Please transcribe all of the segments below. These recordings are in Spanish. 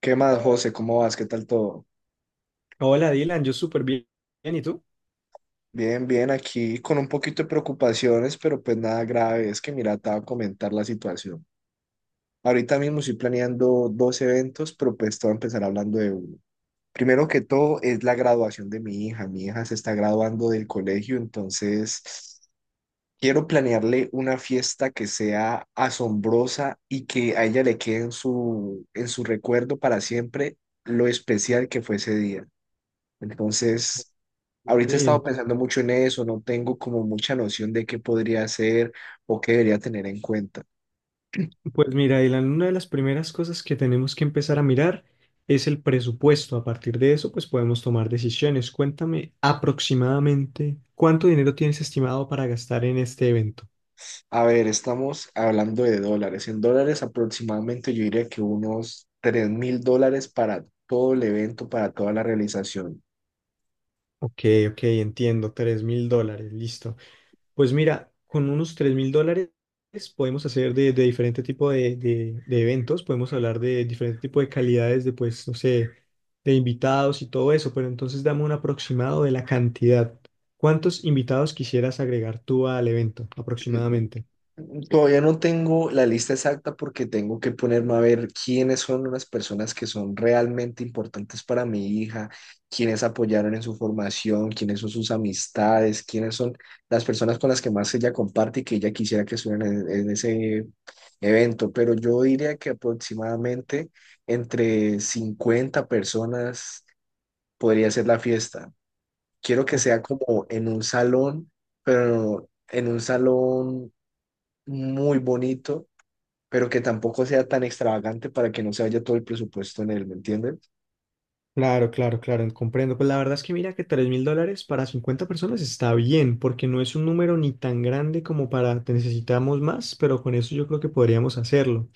¿Qué más, José? ¿Cómo vas? ¿Qué tal todo? Hola Dylan, yo súper bien. ¿Y tú? Bien, bien, aquí con un poquito de preocupaciones, pero pues nada grave. Es que mira, te voy a comentar la situación. Ahorita mismo estoy planeando dos eventos, pero pues te voy a empezar hablando de uno. Primero que todo es la graduación de mi hija. Mi hija se está graduando del colegio, entonces quiero planearle una fiesta que sea asombrosa y que a ella le quede en su recuerdo para siempre lo especial que fue ese día. Entonces, ahorita he estado Ok. pensando mucho en eso, no tengo como mucha noción de qué podría hacer o qué debería tener en cuenta. Pues mira, Dylan, una de las primeras cosas que tenemos que empezar a mirar es el presupuesto. A partir de eso, pues podemos tomar decisiones. Cuéntame aproximadamente cuánto dinero tienes estimado para gastar en este evento. A ver, estamos hablando de dólares. En dólares aproximadamente yo diría que unos $3,000 para todo el evento, para toda la realización. Ok, ok, entiendo, 3.000 dólares, listo. Pues mira, con unos 3.000 dólares podemos hacer de diferente tipo de eventos, podemos hablar de diferente tipo de calidades de, pues, no sé, de invitados y todo eso, pero entonces dame un aproximado de la cantidad. ¿Cuántos invitados quisieras agregar tú al evento aproximadamente? Todavía no tengo la lista exacta porque tengo que ponerme a ver quiénes son unas personas que son realmente importantes para mi hija, quiénes apoyaron en su formación, quiénes son sus amistades, quiénes son las personas con las que más ella comparte y que ella quisiera que estuvieran en ese evento. Pero yo diría que aproximadamente entre 50 personas podría ser la fiesta. Quiero que Oh. sea como en un salón, pero en un salón muy bonito pero que tampoco sea tan extravagante para que no se vaya todo el presupuesto en él, ¿me entienden? Claro, claro, claro, comprendo. Pues la verdad es que mira que 3.000 dólares para 50 personas está bien, porque no es un número ni tan grande como para te necesitamos más, pero con eso yo creo que podríamos hacerlo.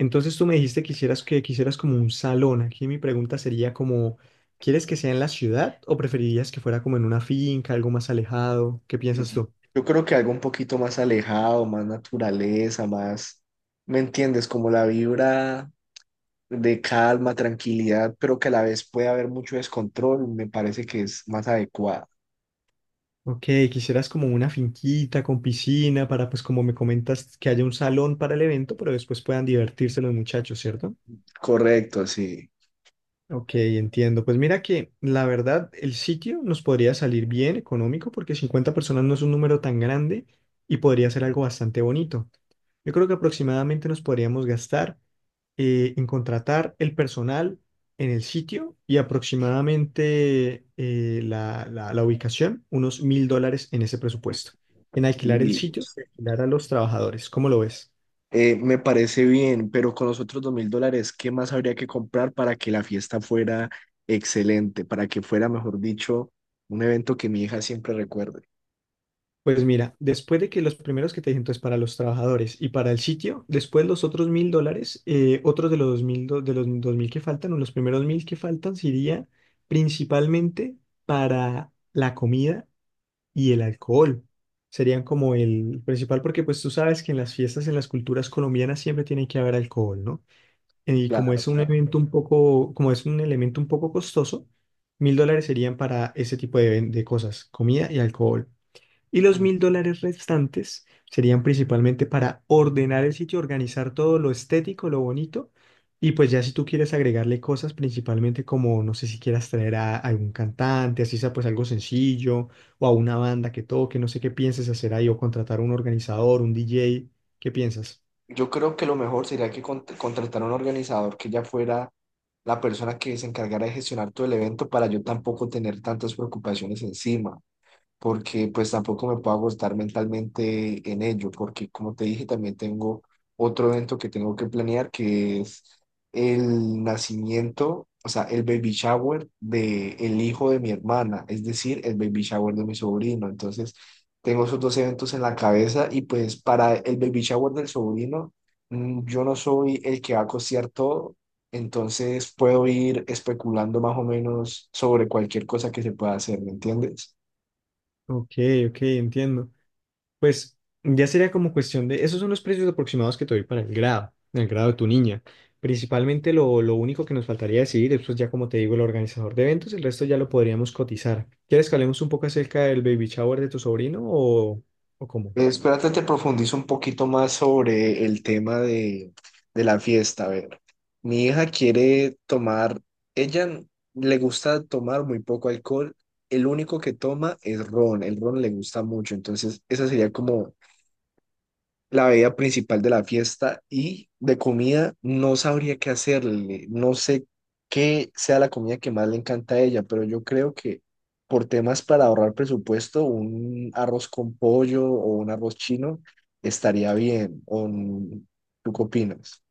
Entonces tú me dijiste que quisieras como un salón. Aquí mi pregunta sería como, ¿quieres que sea en la ciudad o preferirías que fuera como en una finca, algo más alejado? ¿Qué piensas Ujú. tú? Yo creo que algo un poquito más alejado, más naturaleza, más, ¿me entiendes? Como la vibra de calma, tranquilidad, pero que a la vez puede haber mucho descontrol, me parece que es más adecuado. Ok, quisieras como una finquita con piscina para, pues como me comentas, que haya un salón para el evento, pero después puedan divertirse los muchachos, ¿cierto? Correcto, sí. Ok, entiendo. Pues mira que la verdad el sitio nos podría salir bien económico porque 50 personas no es un número tan grande y podría ser algo bastante bonito. Yo creo que aproximadamente nos podríamos gastar en contratar el personal en el sitio y aproximadamente la ubicación, unos 1.000 dólares en ese presupuesto. En alquilar el Y sitio, alquilar a los trabajadores. ¿Cómo lo ves? Me parece bien, pero con los otros $2,000, ¿qué más habría que comprar para que la fiesta fuera excelente, para que fuera, mejor dicho, un evento que mi hija siempre recuerde? Pues mira, después de que los primeros que te dije, entonces para los trabajadores y para el sitio, después los otros 1.000 dólares, otros de los 2.000, de los dos mil que faltan, o los primeros 1.000 que faltan, sería principalmente para la comida y el alcohol. Serían como el principal, porque pues tú sabes que en las fiestas, en las culturas colombianas siempre tiene que haber alcohol, ¿no? Y como Claro, es un claro. evento un poco, como es un elemento un poco costoso, 1.000 dólares serían para ese tipo de cosas, comida y alcohol. Y los Mm. 1.000 dólares restantes serían principalmente para ordenar el sitio, organizar todo lo estético, lo bonito. Y pues ya si tú quieres agregarle cosas, principalmente como, no sé si quieras traer a algún cantante, así sea pues algo sencillo, o a una banda que toque, no sé qué pienses hacer ahí, o contratar a un organizador, un DJ, ¿qué piensas? Yo creo que lo mejor sería que contratara un organizador que ya fuera la persona que se encargara de gestionar todo el evento para yo tampoco tener tantas preocupaciones encima, porque pues tampoco me puedo agotar mentalmente en ello, porque como te dije, también tengo otro evento que tengo que planear, que es el nacimiento, o sea, el baby shower de el hijo de mi hermana, es decir, el baby shower de mi sobrino. Entonces, tengo esos dos eventos en la cabeza y pues para el baby shower del sobrino, yo no soy el que va a costear todo. Entonces puedo ir especulando más o menos sobre cualquier cosa que se pueda hacer, ¿me entiendes? Ok, ok, entiendo. Pues ya sería como cuestión de, esos son los precios aproximados que te doy para el grado de tu niña. Principalmente lo único que nos faltaría decidir, eso es pues, ya como te digo, el organizador de eventos, el resto ya lo podríamos cotizar. ¿Quieres que hablemos un poco acerca del baby shower de tu sobrino o cómo? Espérate, te profundizo un poquito más sobre el tema de la fiesta. A ver, mi hija quiere tomar, ella le gusta tomar muy poco alcohol, el único que toma es ron, el ron le gusta mucho, entonces esa sería como la bebida principal de la fiesta y de comida no sabría qué hacerle. No sé qué sea la comida que más le encanta a ella, pero yo creo que por temas para ahorrar presupuesto, un arroz con pollo o un arroz chino estaría bien. ¿O tú qué opinas?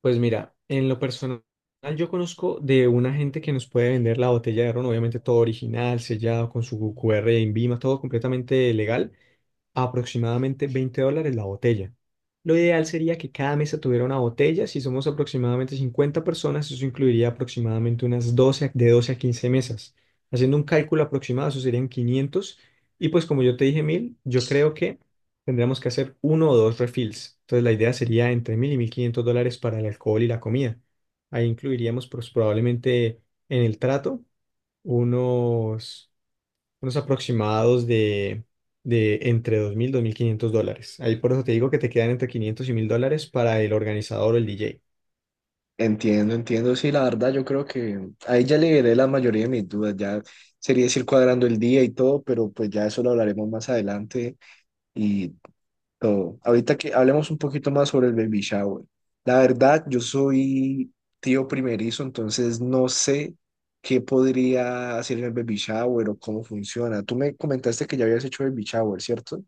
Pues mira, en lo personal yo conozco de una gente que nos puede vender la botella de ron, obviamente todo original, sellado con su QR de INVIMA, todo completamente legal a aproximadamente 20 dólares la botella. Lo ideal sería que cada mesa tuviera una botella. Si somos aproximadamente 50 personas, eso incluiría aproximadamente unas 12 de 12 a 15 mesas. Haciendo un cálculo aproximado, eso serían 500. Y pues como yo te dije 1.000, yo creo que tendríamos que hacer uno o dos refills. Entonces la idea sería entre 1.000 y 1.500 dólares para el alcohol y la comida. Ahí incluiríamos pues, probablemente en el trato unos, unos aproximados de entre 2.000 y 2.500 dólares. Ahí por eso te digo que te quedan entre 500 y 1.000 dólares para el organizador o el DJ. Entiendo, entiendo. Sí, la verdad, yo creo que a ella le veré la mayoría de mis dudas. Ya sería decir cuadrando el día y todo, pero pues ya eso lo hablaremos más adelante y todo. Ahorita que hablemos un poquito más sobre el baby shower. La verdad, yo soy tío primerizo, entonces no sé qué podría hacer en el baby shower o cómo funciona. Tú me comentaste que ya habías hecho baby shower, ¿cierto?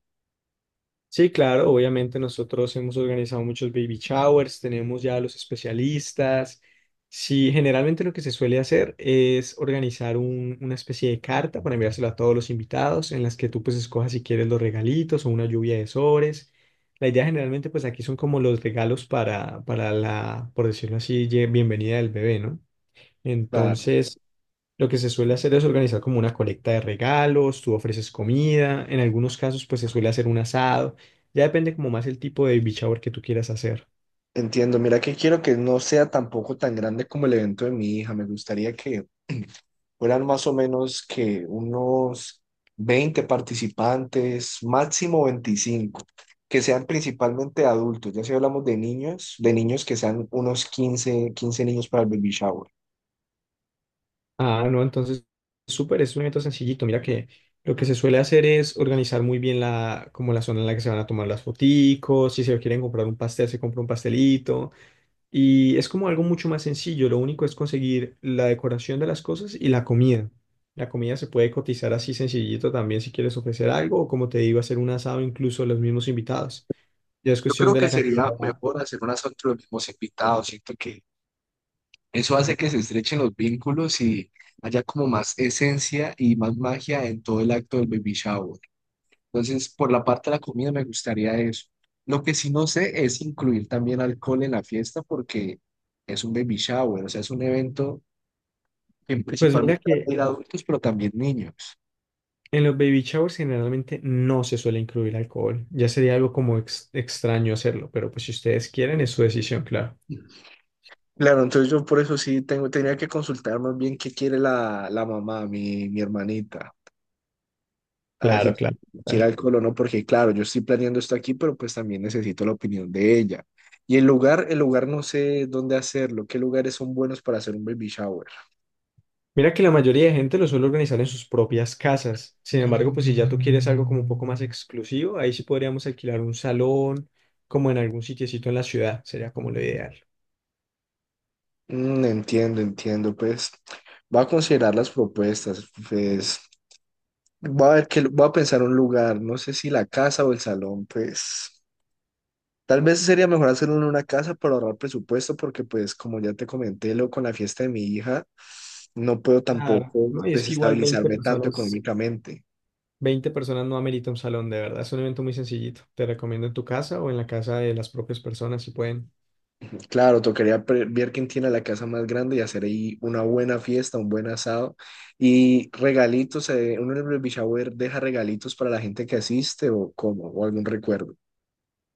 Sí, claro, obviamente nosotros hemos organizado muchos baby showers, tenemos ya a los especialistas. Sí, generalmente lo que se suele hacer es organizar una especie de carta para enviársela a todos los invitados, en las que tú pues escojas si quieres los regalitos o una lluvia de sobres. La idea generalmente pues aquí son como los regalos para la, por decirlo así, bienvenida del bebé, ¿no? Claro, Entonces, lo que se suele hacer es organizar como una colecta de regalos, tú ofreces comida, en algunos casos pues se suele hacer un asado, ya depende como más el tipo de baby shower que tú quieras hacer. entiendo. Mira que quiero que no sea tampoco tan grande como el evento de mi hija. Me gustaría que fueran más o menos que unos 20 participantes, máximo 25, que sean principalmente adultos. Ya si hablamos de niños, que sean unos quince niños para el baby shower. Ah, no, entonces súper, es un evento sencillito, mira que lo que se suele hacer es organizar muy bien la, como la zona en la que se van a tomar las foticos, si se quieren comprar un pastel, se compra un pastelito, y es como algo mucho más sencillo, lo único es conseguir la decoración de las cosas y la comida. La comida se puede cotizar así sencillito también si quieres ofrecer algo o como te digo, hacer un asado incluso a los mismos invitados. Ya es Yo cuestión creo de que la cantidad. sería mejor hacer unas fotos de los mismos invitados. Siento que eso hace que se estrechen los vínculos y haya como más esencia y más magia en todo el acto del baby shower. Entonces, por la parte de la comida me gustaría eso. Lo que sí no sé es incluir también alcohol en la fiesta porque es un baby shower, o sea, es un evento que Pues mira principalmente va a que ir adultos, pero también niños. en los baby showers generalmente no se suele incluir alcohol. Ya sería algo como extraño hacerlo, pero pues si ustedes quieren es su decisión, claro. Claro, entonces yo por eso sí tengo, tenía que consultar más bien qué quiere la mamá, mi hermanita, a ver si Claro, claro. Claro. quiere alcohol o no, porque claro, yo estoy planeando esto aquí, pero pues también necesito la opinión de ella. Y el lugar no sé dónde hacerlo, qué lugares son buenos para hacer un baby shower. Mira que la mayoría de gente lo suele organizar en sus propias casas. Sin embargo, pues si ya tú quieres algo como un poco más exclusivo, ahí sí podríamos alquilar un salón, como en algún sitiecito en la ciudad, sería como lo ideal. Mm, entiendo, entiendo, pues va a considerar las propuestas, pues va a ver que va a pensar un lugar, no sé si la casa o el salón, pues tal vez sería mejor hacerlo en una casa para ahorrar presupuesto, porque pues como ya te comenté, lo con la fiesta de mi hija, no puedo Claro, tampoco no, y es que igual 20 desestabilizarme tanto personas, económicamente. 20 personas no amerita un salón, de verdad, es un evento muy sencillito. Te recomiendo en tu casa o en la casa de las propias personas si pueden. Claro, tocaría ver quién tiene la casa más grande y hacer ahí una buena fiesta, un buen asado. Y regalitos, uno en el baby shower deja regalitos para la gente que asiste o cómo, o algún recuerdo.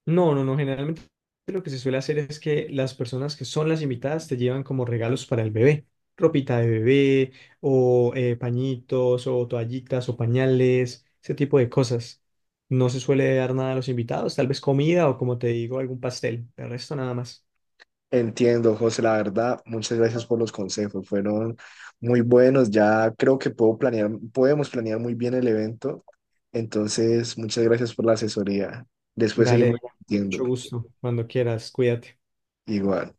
No, no, no. Generalmente lo que se suele hacer es que las personas que son las invitadas te llevan como regalos para el bebé, ropita de bebé o pañitos o toallitas o pañales, ese tipo de cosas. No se suele dar nada a los invitados, tal vez comida o como te digo, algún pastel. De resto nada más. Entiendo, José, la verdad, muchas gracias por los consejos, fueron muy buenos. Ya creo que puedo planear, podemos planear muy bien el evento. Entonces, muchas gracias por la asesoría. Después Dale, seguimos Diana, discutiendo. mucho gusto. Cuando quieras, cuídate. Igual.